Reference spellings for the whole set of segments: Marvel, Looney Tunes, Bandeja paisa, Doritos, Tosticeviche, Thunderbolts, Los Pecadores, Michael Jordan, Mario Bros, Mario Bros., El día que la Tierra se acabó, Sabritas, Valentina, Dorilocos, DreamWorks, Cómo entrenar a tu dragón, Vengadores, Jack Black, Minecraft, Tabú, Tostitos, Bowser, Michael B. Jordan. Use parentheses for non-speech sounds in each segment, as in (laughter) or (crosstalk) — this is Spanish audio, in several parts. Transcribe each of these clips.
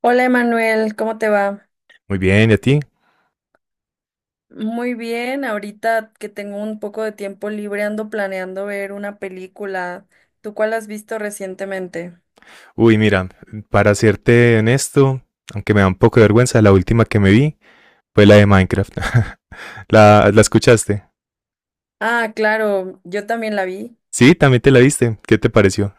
Hola Emanuel, ¿cómo te va? Muy bien, ¿y a ti? Muy bien, ahorita que tengo un poco de tiempo libre ando planeando ver una película. ¿Tú cuál has visto recientemente? Uy, mira, para serte honesto, aunque me da un poco de vergüenza, la última que me vi fue la de Minecraft. (laughs) ¿La escuchaste? Ah, claro, yo también la vi. Sí, también te la viste. ¿Qué te pareció?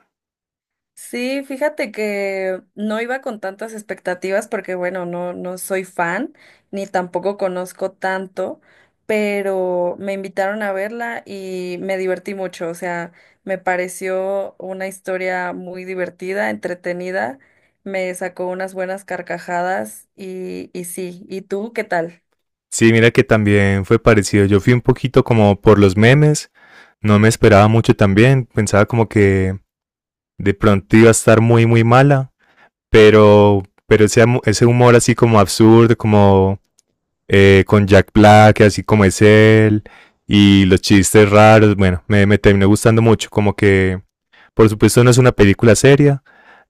Sí, fíjate que no iba con tantas expectativas porque, bueno, no soy fan ni tampoco conozco tanto, pero me invitaron a verla y me divertí mucho. O sea, me pareció una historia muy divertida, entretenida, me sacó unas buenas carcajadas y sí. ¿Y tú qué tal? Sí, mira que también fue parecido. Yo fui un poquito como por los memes, no me esperaba mucho también, pensaba como que de pronto iba a estar muy, muy mala, pero ese, ese humor así como absurdo, como con Jack Black, así como es él, y los chistes raros, bueno, me terminó gustando mucho, como que por supuesto no es una película seria,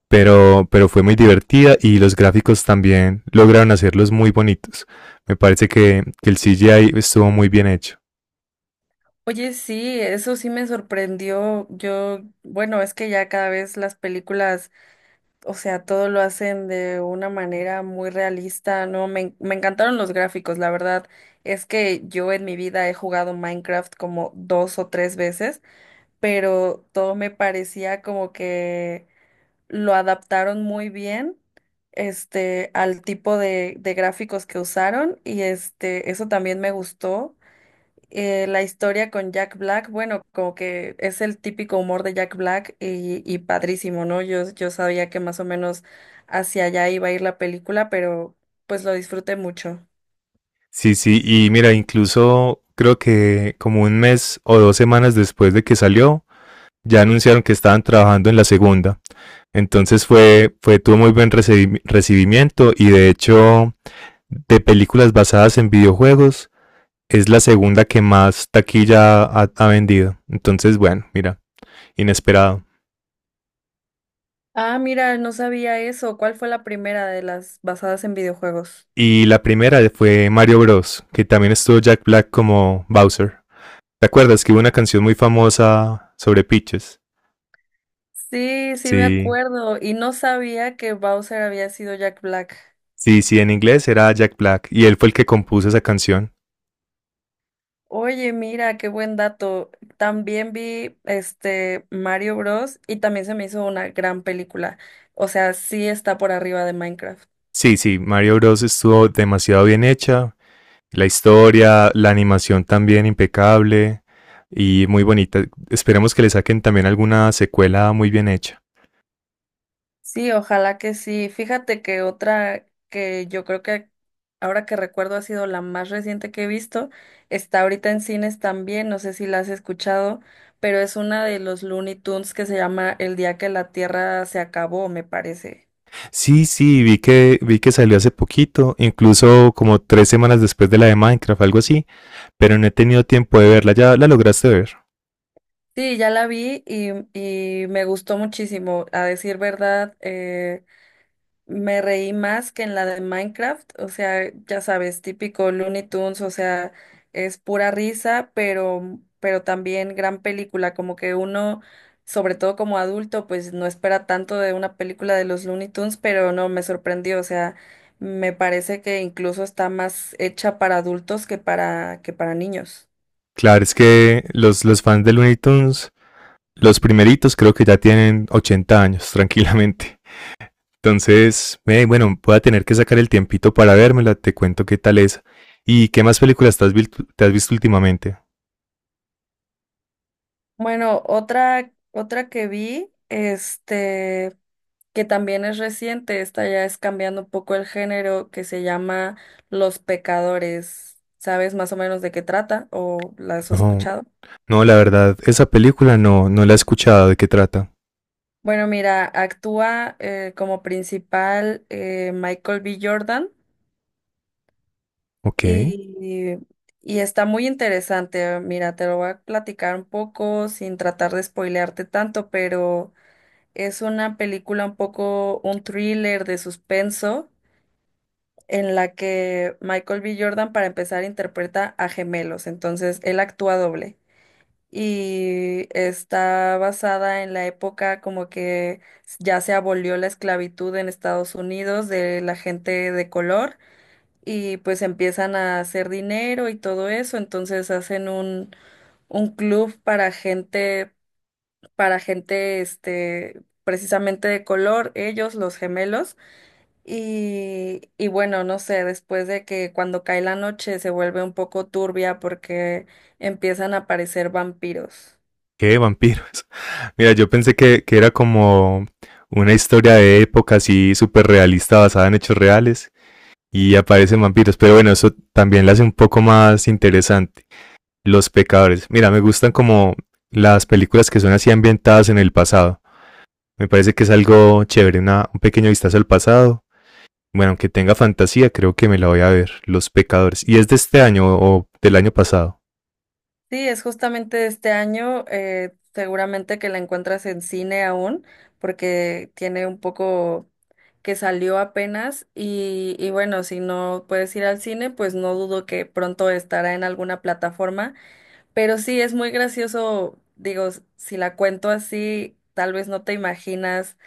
pero fue muy divertida y los gráficos también lograron hacerlos muy bonitos. Me parece que el CGI estuvo muy bien hecho. Oye, sí, eso sí me sorprendió. Yo, bueno, es que ya cada vez las películas, o sea, todo lo hacen de una manera muy realista, ¿no? Me encantaron los gráficos, la verdad es que yo en mi vida he jugado Minecraft como dos o tres veces, pero todo me parecía como que lo adaptaron muy bien, al tipo de gráficos que usaron y eso también me gustó, la historia con Jack Black, bueno, como que es el típico humor de Jack Black y padrísimo, ¿no? Yo sabía que más o menos hacia allá iba a ir la película, pero pues lo disfruté mucho. Sí, sí, y mira, incluso creo que como un mes o 2 semanas después de que salió, ya anunciaron que estaban trabajando en la segunda. Entonces fue, fue tuvo muy buen recibimiento y de hecho, de películas basadas en videojuegos, es la segunda que más taquilla ha vendido. Entonces, bueno, mira, inesperado. Ah, mira, no sabía eso. ¿Cuál fue la primera de las basadas en videojuegos? Y la primera fue Mario Bros, que también estuvo Jack Black como Bowser. ¿Te acuerdas que hubo una canción muy famosa sobre pitches? Sí, sí me Sí, acuerdo. Y no sabía que Bowser había sido Jack Black. sí, sí, en inglés era Jack Black y él fue el que compuso esa canción. Oye, mira, qué buen dato. También vi Mario Bros. Y también se me hizo una gran película. O sea, sí está por arriba de Minecraft. Sí, sí, Mario Bros estuvo demasiado bien hecha. La historia, la animación también impecable y muy bonita. Esperemos que le saquen también alguna secuela muy bien hecha. Sí, ojalá que sí. Fíjate que otra que yo creo que ahora que recuerdo ha sido la más reciente que he visto, está ahorita en cines también, no sé si la has escuchado, pero es una de los Looney Tunes que se llama El día que la Tierra se acabó, me parece. Sí, sí, vi que salió hace poquito, incluso como 3 semanas después de la de Minecraft, algo así, pero no he tenido tiempo de verla. ¿Ya la lograste ver? Sí, ya la vi y me gustó muchísimo. A decir verdad, me reí más que en la de Minecraft. O sea, ya sabes, típico Looney Tunes, o sea, es pura risa, pero también gran película. Como que uno, sobre todo como adulto, pues no espera tanto de una película de los Looney Tunes, pero no, me sorprendió. O sea, me parece que incluso está más hecha para adultos que que para niños. Claro, es que los fans de Looney Tunes, los primeritos, creo que ya tienen 80 años, (laughs) tranquilamente. Entonces, bueno, voy a tener que sacar el tiempito para vérmela, te cuento qué tal es. ¿Y qué más películas te has visto últimamente? Bueno, otra que vi, que también es reciente, esta ya es cambiando un poco el género, que se llama Los Pecadores. ¿Sabes más o menos de qué trata o la has No, escuchado? no, la verdad, esa película no la he escuchado. ¿De qué trata? Bueno, mira, actúa como principal Michael B. Jordan Ok, y, y está muy interesante. Mira, te lo voy a platicar un poco sin tratar de spoilearte tanto, pero es una película un poco un thriller de suspenso en la que Michael B. Jordan, para empezar, interpreta a gemelos, entonces él actúa doble. Y está basada en la época como que ya se abolió la esclavitud en Estados Unidos de la gente de color y pues empiezan a hacer dinero y todo eso, entonces hacen un club para gente precisamente de color, ellos, los gemelos. Y bueno, no sé, después de que cuando cae la noche se vuelve un poco turbia porque empiezan a aparecer vampiros. ¿qué vampiros? (laughs) Mira, yo pensé que era como una historia de época así súper realista, basada en hechos reales, y aparecen vampiros, pero bueno, eso también la hace un poco más interesante. Los Pecadores, mira, me gustan como las películas que son así ambientadas en el pasado. Me parece que es algo chévere, un pequeño vistazo al pasado. Bueno, aunque tenga fantasía, creo que me la voy a ver, Los Pecadores. ¿Y es de este año o del año pasado? Sí, es justamente de este año, seguramente que la encuentras en cine aún, porque tiene un poco que salió apenas y bueno, si no puedes ir al cine, pues no dudo que pronto estará en alguna plataforma. Pero sí, es muy gracioso, digo, si la cuento así, tal vez no te imaginas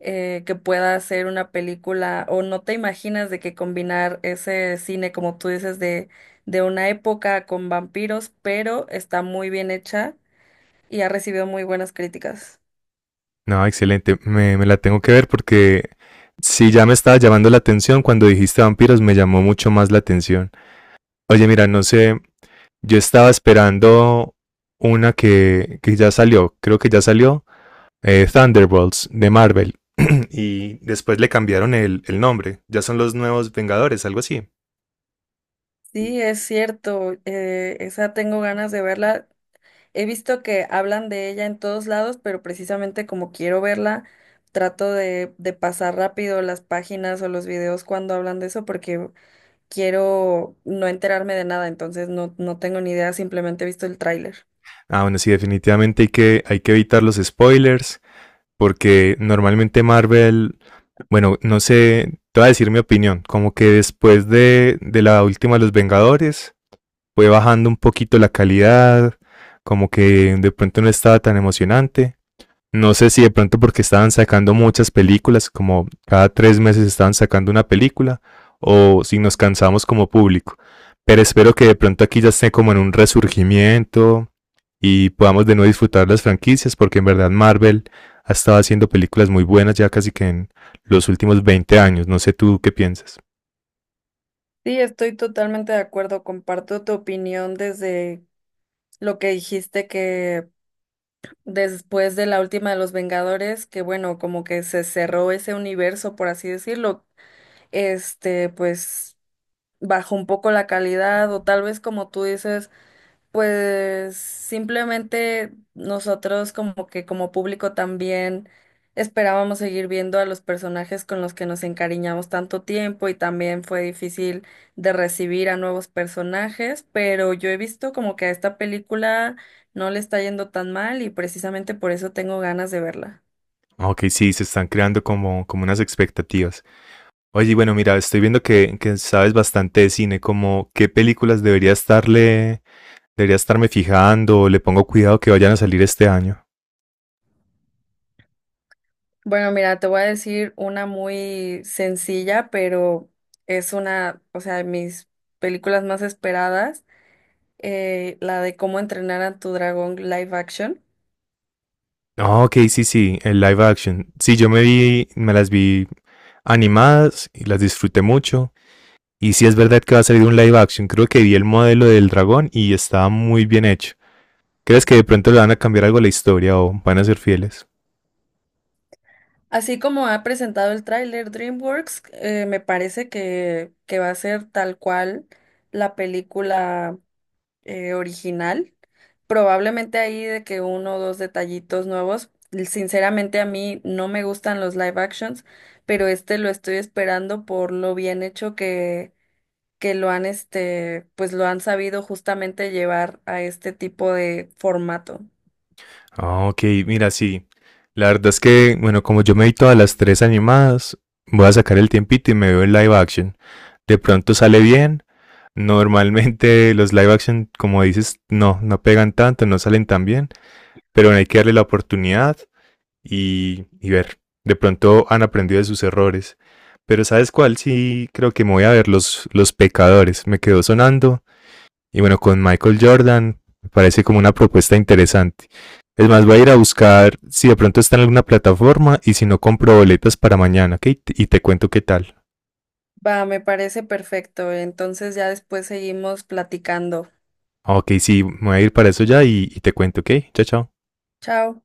que pueda ser una película o no te imaginas de que combinar ese cine, como tú dices, de una época con vampiros, pero está muy bien hecha y ha recibido muy buenas críticas. No, excelente, me la tengo que ver porque si ya me estaba llamando la atención cuando dijiste vampiros, me llamó mucho más la atención. Oye, mira, no sé, yo estaba esperando una que ya salió, creo que ya salió, Thunderbolts de Marvel. (clears throat) Y después le cambiaron el nombre, ya son los nuevos Vengadores, algo así. Sí, es cierto, esa tengo ganas de verla. He visto que hablan de ella en todos lados, pero precisamente como quiero verla, trato de pasar rápido las páginas o los videos cuando hablan de eso porque quiero no enterarme de nada, entonces no tengo ni idea, simplemente he visto el tráiler. Ah, bueno, sí, definitivamente hay que evitar los spoilers, porque normalmente Marvel, bueno, no sé, te voy a decir mi opinión, como que después de la última de Los Vengadores fue bajando un poquito la calidad, como que de pronto no estaba tan emocionante. No sé si de pronto porque estaban sacando muchas películas, como cada 3 meses estaban sacando una película, o si nos cansamos como público. Pero espero que de pronto aquí ya esté como en un resurgimiento, y podamos de nuevo disfrutar las franquicias, porque en verdad Marvel ha estado haciendo películas muy buenas ya casi que en los últimos 20 años. No sé tú qué piensas. Sí, estoy totalmente de acuerdo, comparto tu opinión desde lo que dijiste que después de la última de los Vengadores, que bueno, como que se cerró ese universo, por así decirlo, este, pues... bajó un poco la calidad o tal vez como tú dices, pues simplemente nosotros como que como público también esperábamos seguir viendo a los personajes con los que nos encariñamos tanto tiempo y también fue difícil de recibir a nuevos personajes, pero yo he visto como que a esta película no le está yendo tan mal y precisamente por eso tengo ganas de verla. Ok, sí, se están creando como unas expectativas. Oye, bueno, mira, estoy viendo que sabes bastante de cine, como qué películas debería estarme fijando, o le pongo cuidado que vayan a salir este año. Bueno, mira, te voy a decir una muy sencilla, pero es una, o sea, de mis películas más esperadas, la de Cómo entrenar a tu dragón live action. Ok, sí, sí, el live action. Sí, me las vi animadas y las disfruté mucho. Y si es verdad que va a salir un live action, creo que vi el modelo del dragón y estaba muy bien hecho. ¿Crees que de pronto le van a cambiar algo a la historia o van a ser fieles? Así como ha presentado el tráiler DreamWorks, me parece que va a ser tal cual la película original. Probablemente ahí de que uno o dos detallitos nuevos. Sinceramente a mí no me gustan los live actions, pero este lo estoy esperando por lo bien hecho que lo han, pues lo han sabido justamente llevar a este tipo de formato. Ah, ok, mira, sí. La verdad es que, bueno, como yo me vi todas las tres animadas, voy a sacar el tiempito y me veo el live action. De pronto sale bien. Normalmente (laughs) los live action, como dices, no, no pegan tanto, no salen tan bien. Pero bueno, hay que darle la oportunidad y ver. De pronto han aprendido de sus errores. Pero ¿sabes cuál? Sí, creo que me voy a ver los Pecadores. Me quedó sonando. Y bueno, con Michael Jordan me parece como una propuesta interesante. Es más, voy a ir a buscar si de pronto está en alguna plataforma y si no compro boletas para mañana, ¿ok? Y te cuento qué tal. Va, me parece perfecto. Entonces ya después seguimos platicando. Ok, sí, me voy a ir para eso ya y te cuento, ¿ok? Chao, chao. Chao.